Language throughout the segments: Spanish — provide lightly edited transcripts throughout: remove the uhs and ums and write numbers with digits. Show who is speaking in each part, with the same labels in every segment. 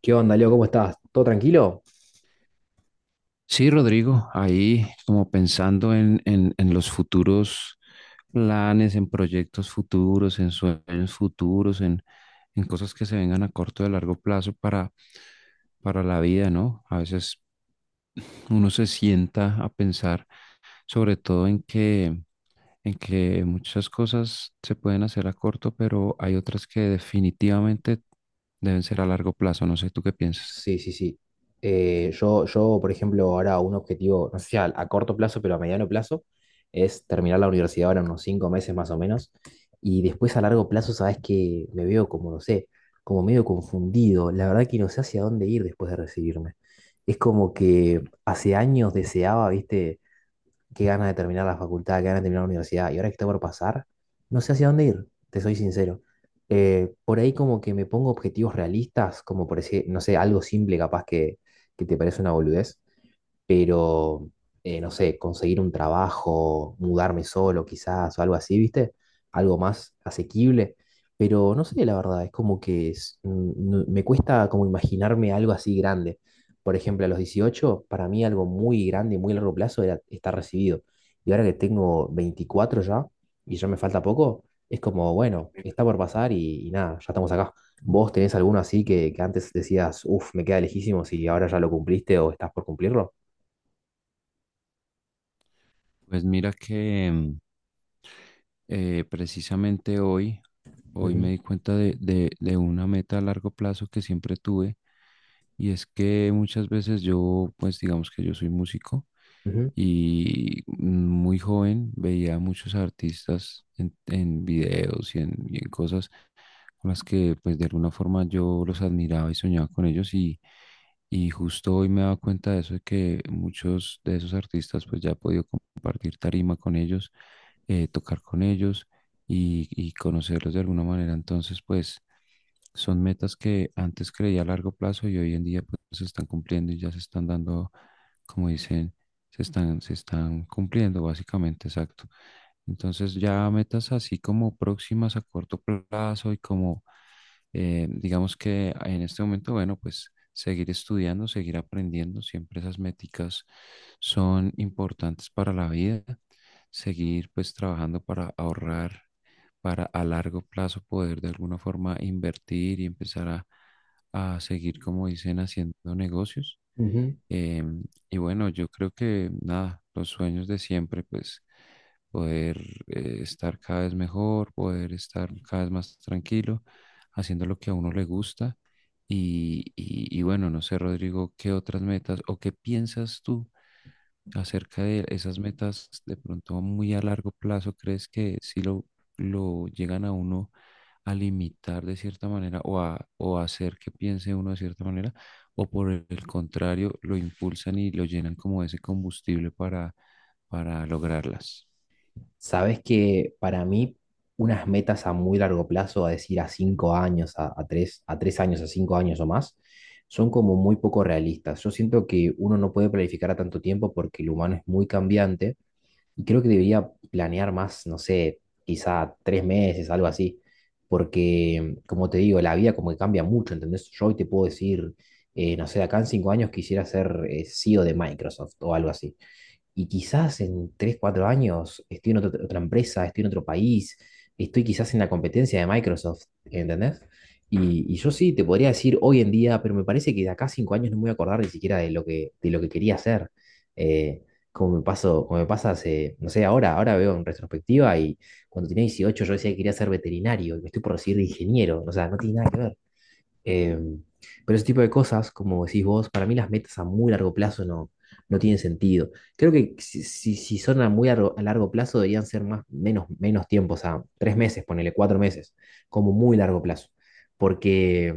Speaker 1: ¿Qué onda, Leo? ¿Cómo estás? ¿Todo tranquilo?
Speaker 2: Sí, Rodrigo, ahí como pensando en los futuros planes, en proyectos futuros, en sueños futuros, en cosas que se vengan a corto y a largo plazo para la vida, ¿no? A veces uno se sienta a pensar sobre todo en que muchas cosas se pueden hacer a corto, pero hay otras que definitivamente deben ser a largo plazo. No sé, ¿tú qué piensas?
Speaker 1: Sí, sí, sí. Yo, por ejemplo, ahora un objetivo, no sé si a corto plazo, pero a mediano plazo, es terminar la universidad ahora en unos 5 meses más o menos. Y después a largo plazo, sabes que me veo como, no sé, como medio confundido. La verdad que no sé hacia dónde ir después de recibirme. Es como que hace años deseaba, viste, qué ganas de terminar la facultad, qué ganas de terminar la universidad, y ahora que está por pasar, no sé hacia dónde ir, te soy sincero. Por ahí como que me pongo objetivos realistas, como por decir, no sé, algo simple capaz que te parece una boludez, pero no sé, conseguir un trabajo, mudarme solo quizás o algo así, ¿viste? Algo más asequible, pero no sé, la verdad, es como que me cuesta como imaginarme algo así grande. Por ejemplo, a los 18 para mí algo muy grande y muy largo plazo era estar recibido. Y ahora que tengo 24 ya, y ya me falta poco, es como, bueno, está por pasar y nada, ya estamos acá. ¿Vos tenés alguno así que antes decías, uff, me queda lejísimos y ahora ya lo cumpliste o estás por cumplirlo?
Speaker 2: Pues mira que precisamente hoy me
Speaker 1: Ujú,
Speaker 2: di cuenta de una meta a largo plazo que siempre tuve, y es que muchas veces yo, pues digamos que yo soy músico,
Speaker 1: ujú,
Speaker 2: y muy joven veía a muchos artistas en videos y en cosas con las que pues de alguna forma yo los admiraba y soñaba con ellos, y justo hoy me he dado cuenta de eso, de que muchos de esos artistas pues ya he podido compartir tarima con ellos, tocar con ellos y conocerlos de alguna manera. Entonces pues son metas que antes creía a largo plazo y hoy en día pues se están cumpliendo y ya se están dando, como dicen, se están cumpliendo básicamente, exacto. Entonces ya metas así como próximas a corto plazo y como digamos que en este momento, bueno, pues seguir estudiando, seguir aprendiendo, siempre esas métricas son importantes para la vida. Seguir pues trabajando para ahorrar, para a largo plazo poder de alguna forma invertir y empezar a seguir, como dicen, haciendo negocios.
Speaker 1: ujú.
Speaker 2: Em, y bueno, yo creo que nada, los sueños de siempre, pues poder estar cada vez mejor, poder estar cada vez más tranquilo, haciendo lo que a uno le gusta. Y bueno, no sé, Rodrigo, ¿qué otras metas o qué piensas tú? Acerca de esas metas de pronto muy a largo plazo, ¿crees que si lo llegan a uno a limitar de cierta manera, o a hacer que piense uno de cierta manera? ¿O por el contrario, lo impulsan y lo llenan como ese combustible para lograrlas?
Speaker 1: Sabes que para mí unas metas a muy largo plazo, a decir a 5 años, a tres años, a 5 años o más, son como muy poco realistas. Yo siento que uno no puede planificar a tanto tiempo porque el humano es muy cambiante y creo que debería planear más, no sé, quizá 3 meses, algo así, porque como te digo, la vida como que cambia mucho, ¿entendés? Yo hoy te puedo decir, no sé, de acá en 5 años quisiera ser CEO de Microsoft o algo así. Y quizás en 3 4 años estoy en otra empresa, estoy en otro país, estoy quizás en la competencia de Microsoft, ¿entendés? Y yo sí te podría decir hoy en día, pero me parece que de acá a 5 años no me voy a acordar ni siquiera de lo que quería hacer. Eh, Como me pasó, como me pasa hace, no sé, ahora veo en retrospectiva y cuando tenía 18 yo decía que quería ser veterinario y me estoy por recibir de ingeniero, o sea, no tiene nada que ver. Eh, pero ese tipo de cosas, como decís vos, para mí las metas a muy largo plazo no, no tienen sentido. Creo que si son a muy largo plazo deberían ser más, menos tiempo, o sea, tres meses, ponele 4 meses, como muy largo plazo. Porque,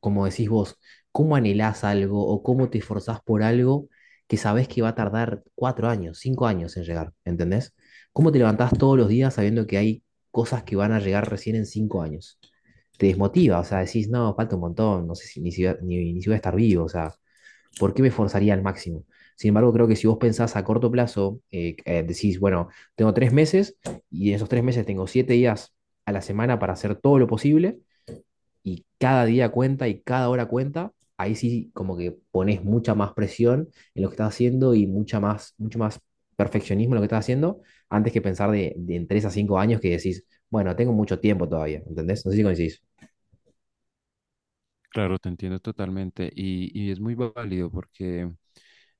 Speaker 1: como decís vos, ¿cómo anhelás algo o cómo te esforzás por algo que sabés que va a tardar 4 años, 5 años en llegar? ¿Entendés? ¿Cómo te levantás todos los días sabiendo que hay cosas que van a llegar recién en 5 años? Te desmotiva, o sea, decís, no, falta un montón, no sé si ni si, ni si voy a estar vivo, o sea, ¿por qué me forzaría al máximo? Sin embargo, creo que si vos pensás a corto plazo, decís, bueno, tengo 3 meses y en esos 3 meses tengo 7 días a la semana para hacer todo lo posible y cada día cuenta y cada hora cuenta, ahí sí como que pones mucha más presión en lo que estás haciendo y mucha más, mucho más perfeccionismo en lo que estás haciendo antes que pensar de en 3 a 5 años que decís, bueno, tengo mucho tiempo todavía, ¿entendés? No sé si coincidís.
Speaker 2: Claro, te entiendo totalmente, y es muy válido porque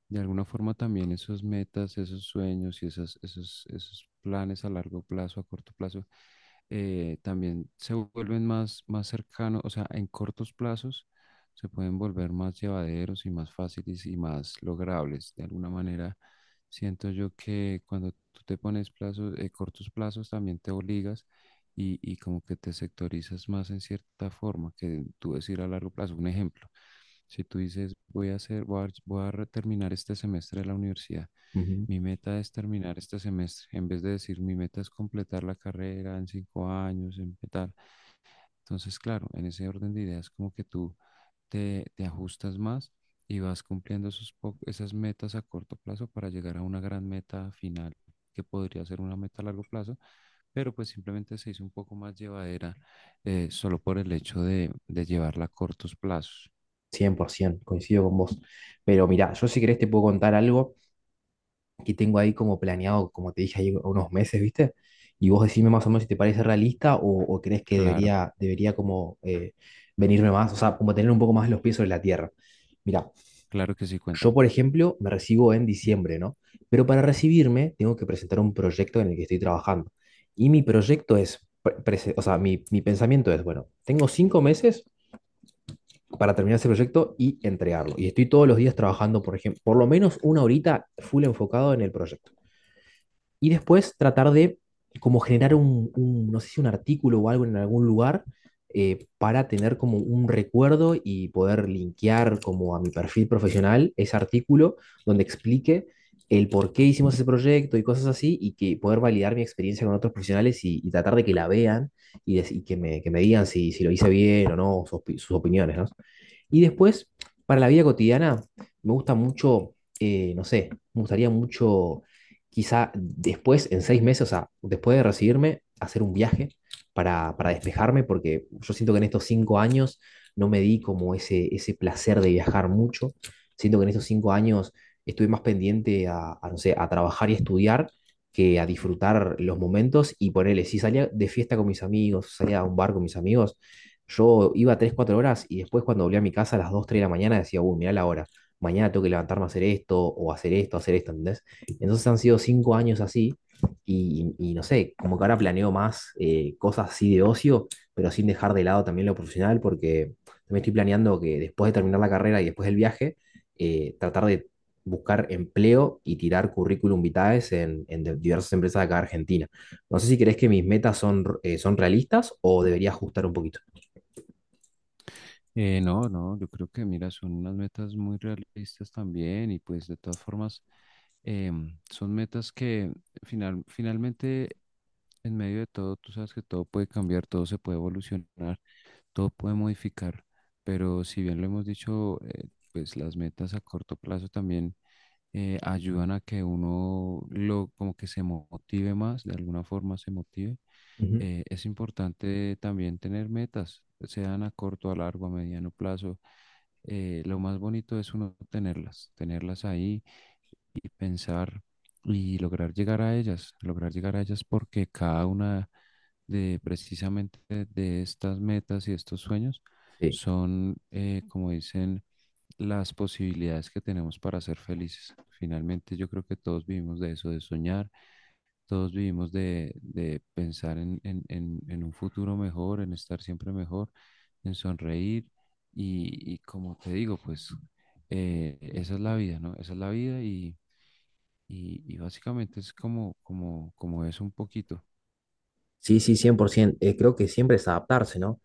Speaker 2: de alguna forma también esos metas, esos sueños y esos planes a largo plazo, a corto plazo, también se vuelven más cercanos, o sea, en cortos plazos se pueden volver más llevaderos y más fáciles y más logrables. De alguna manera, siento yo que cuando tú te pones plazos, cortos plazos, también te obligas y como que te sectorizas más en cierta forma que tú decir a largo plazo. Un ejemplo. Si tú dices, voy a hacer, voy a, voy a terminar este semestre de la universidad,
Speaker 1: Ujú.
Speaker 2: mi meta es terminar este semestre, en vez de decir, mi meta es completar la carrera en 5 años, en tal. Entonces, claro, en ese orden de ideas, como que tú te ajustas más y vas cumpliendo esas metas a corto plazo para llegar a una gran meta final, que podría ser una meta a largo plazo, pero pues simplemente se hizo un poco más llevadera solo por el hecho de llevarla a cortos plazos.
Speaker 1: 100%, coincido con vos. Pero mirá, yo si querés te puedo contar algo que tengo ahí como planeado, como te dije, ahí unos meses, ¿viste? Y vos decime más o menos si te parece realista o crees que
Speaker 2: Claro,
Speaker 1: debería como venirme más, o sea, como tener un poco más los pies sobre la tierra. Mirá,
Speaker 2: claro que sí,
Speaker 1: yo
Speaker 2: cuéntame.
Speaker 1: por ejemplo me recibo en diciembre, ¿no? Pero para recibirme tengo que presentar un proyecto en el que estoy trabajando. Y mi proyecto es, o sea, mi pensamiento es, bueno, tengo 5 meses para terminar ese proyecto y entregarlo. Y estoy todos los días trabajando, por ejemplo, por lo menos una horita full enfocado en el proyecto. Y después tratar de como generar un, no sé si un artículo o algo en algún lugar para tener como un recuerdo y poder linkear como a mi perfil profesional ese artículo donde explique el por qué hicimos ese proyecto y cosas así, y que poder validar mi experiencia con otros profesionales y tratar de que la vean y que me digan si lo hice bien o no, sus opiniones, ¿no? Y después, para la vida cotidiana, me gusta mucho, no sé, me gustaría mucho, quizá después, en 6 meses, o sea, después de recibirme, hacer un viaje para despejarme, porque yo siento que en estos 5 años no me di como ese placer de viajar mucho. Siento que en estos cinco años estuve más pendiente a, no sé, a trabajar y estudiar que a disfrutar los momentos y ponerle, si salía de fiesta con mis amigos, salía a un bar con mis amigos, yo iba 3 4 horas y después cuando volví a mi casa a las 2 3 de la mañana decía, uy, mirá la hora, mañana tengo que levantarme a hacer esto o hacer esto, ¿entendés? Entonces han sido 5 años así y no sé, como que ahora planeo más cosas así de ocio, pero sin dejar de lado también lo profesional porque me estoy planeando que después de terminar la carrera y después del viaje, tratar de buscar empleo y tirar currículum vitae en diversas empresas de acá de Argentina. No sé si crees que mis metas son realistas o debería ajustar un poquito.
Speaker 2: No, no, yo creo que mira, son unas metas muy realistas también y pues de todas formas, son metas que finalmente, en medio de todo, tú sabes que todo puede cambiar, todo se puede evolucionar, todo puede modificar, pero si bien lo hemos dicho, pues las metas a corto plazo también ayudan a que uno lo como que se motive más, de alguna forma se motive.
Speaker 1: Ujú.
Speaker 2: Eh, es importante también tener metas, sean a corto, a largo, a mediano plazo. Lo más bonito es uno tenerlas, tenerlas ahí y pensar y lograr llegar a ellas, lograr llegar a ellas porque cada una, de precisamente de estas metas y estos sueños
Speaker 1: Sí,
Speaker 2: son, como dicen, las posibilidades que tenemos para ser felices. Finalmente, yo creo que todos vivimos de eso, de soñar, todos vivimos de pensar en un futuro mejor, en estar siempre mejor, en sonreír, y como te digo, pues, esa es la vida, ¿no? Esa es la vida, y básicamente es como es un poquito.
Speaker 1: sí, sí, 100%. Creo que siempre es adaptarse, ¿no?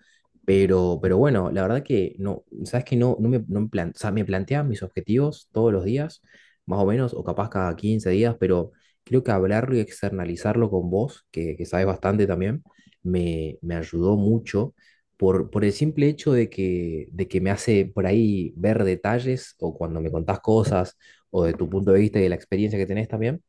Speaker 1: Pero bueno, la verdad que no, sabes que no, o sea, me plantean mis objetivos todos los días, más o menos, o capaz cada 15 días, pero creo que hablarlo y externalizarlo con vos, que sabes bastante también, me ayudó mucho por el simple hecho de que me hace por ahí ver detalles o cuando me contás cosas o de tu punto de vista y de la experiencia que tenés también.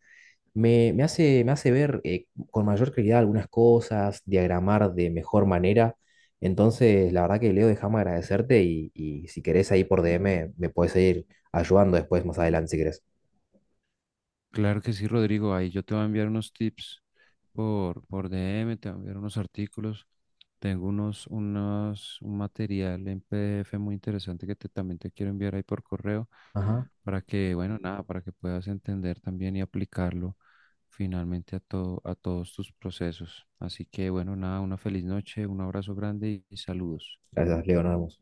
Speaker 1: Me hace ver con mayor claridad algunas cosas, diagramar de mejor manera. Entonces, la verdad que Leo, déjame agradecerte y si querés ahí por DM me puedes seguir ayudando después, más adelante, si querés.
Speaker 2: Claro que sí, Rodrigo, ahí yo te voy a enviar unos tips por DM, te voy a enviar unos artículos. Tengo un material en PDF muy interesante, también te quiero enviar ahí por correo
Speaker 1: Ajá.
Speaker 2: para que, bueno, nada, para que puedas entender también y aplicarlo finalmente a todos tus procesos. Así que, bueno, nada, una feliz noche, un abrazo grande y saludos.
Speaker 1: Gracias, Leo, nos vemos.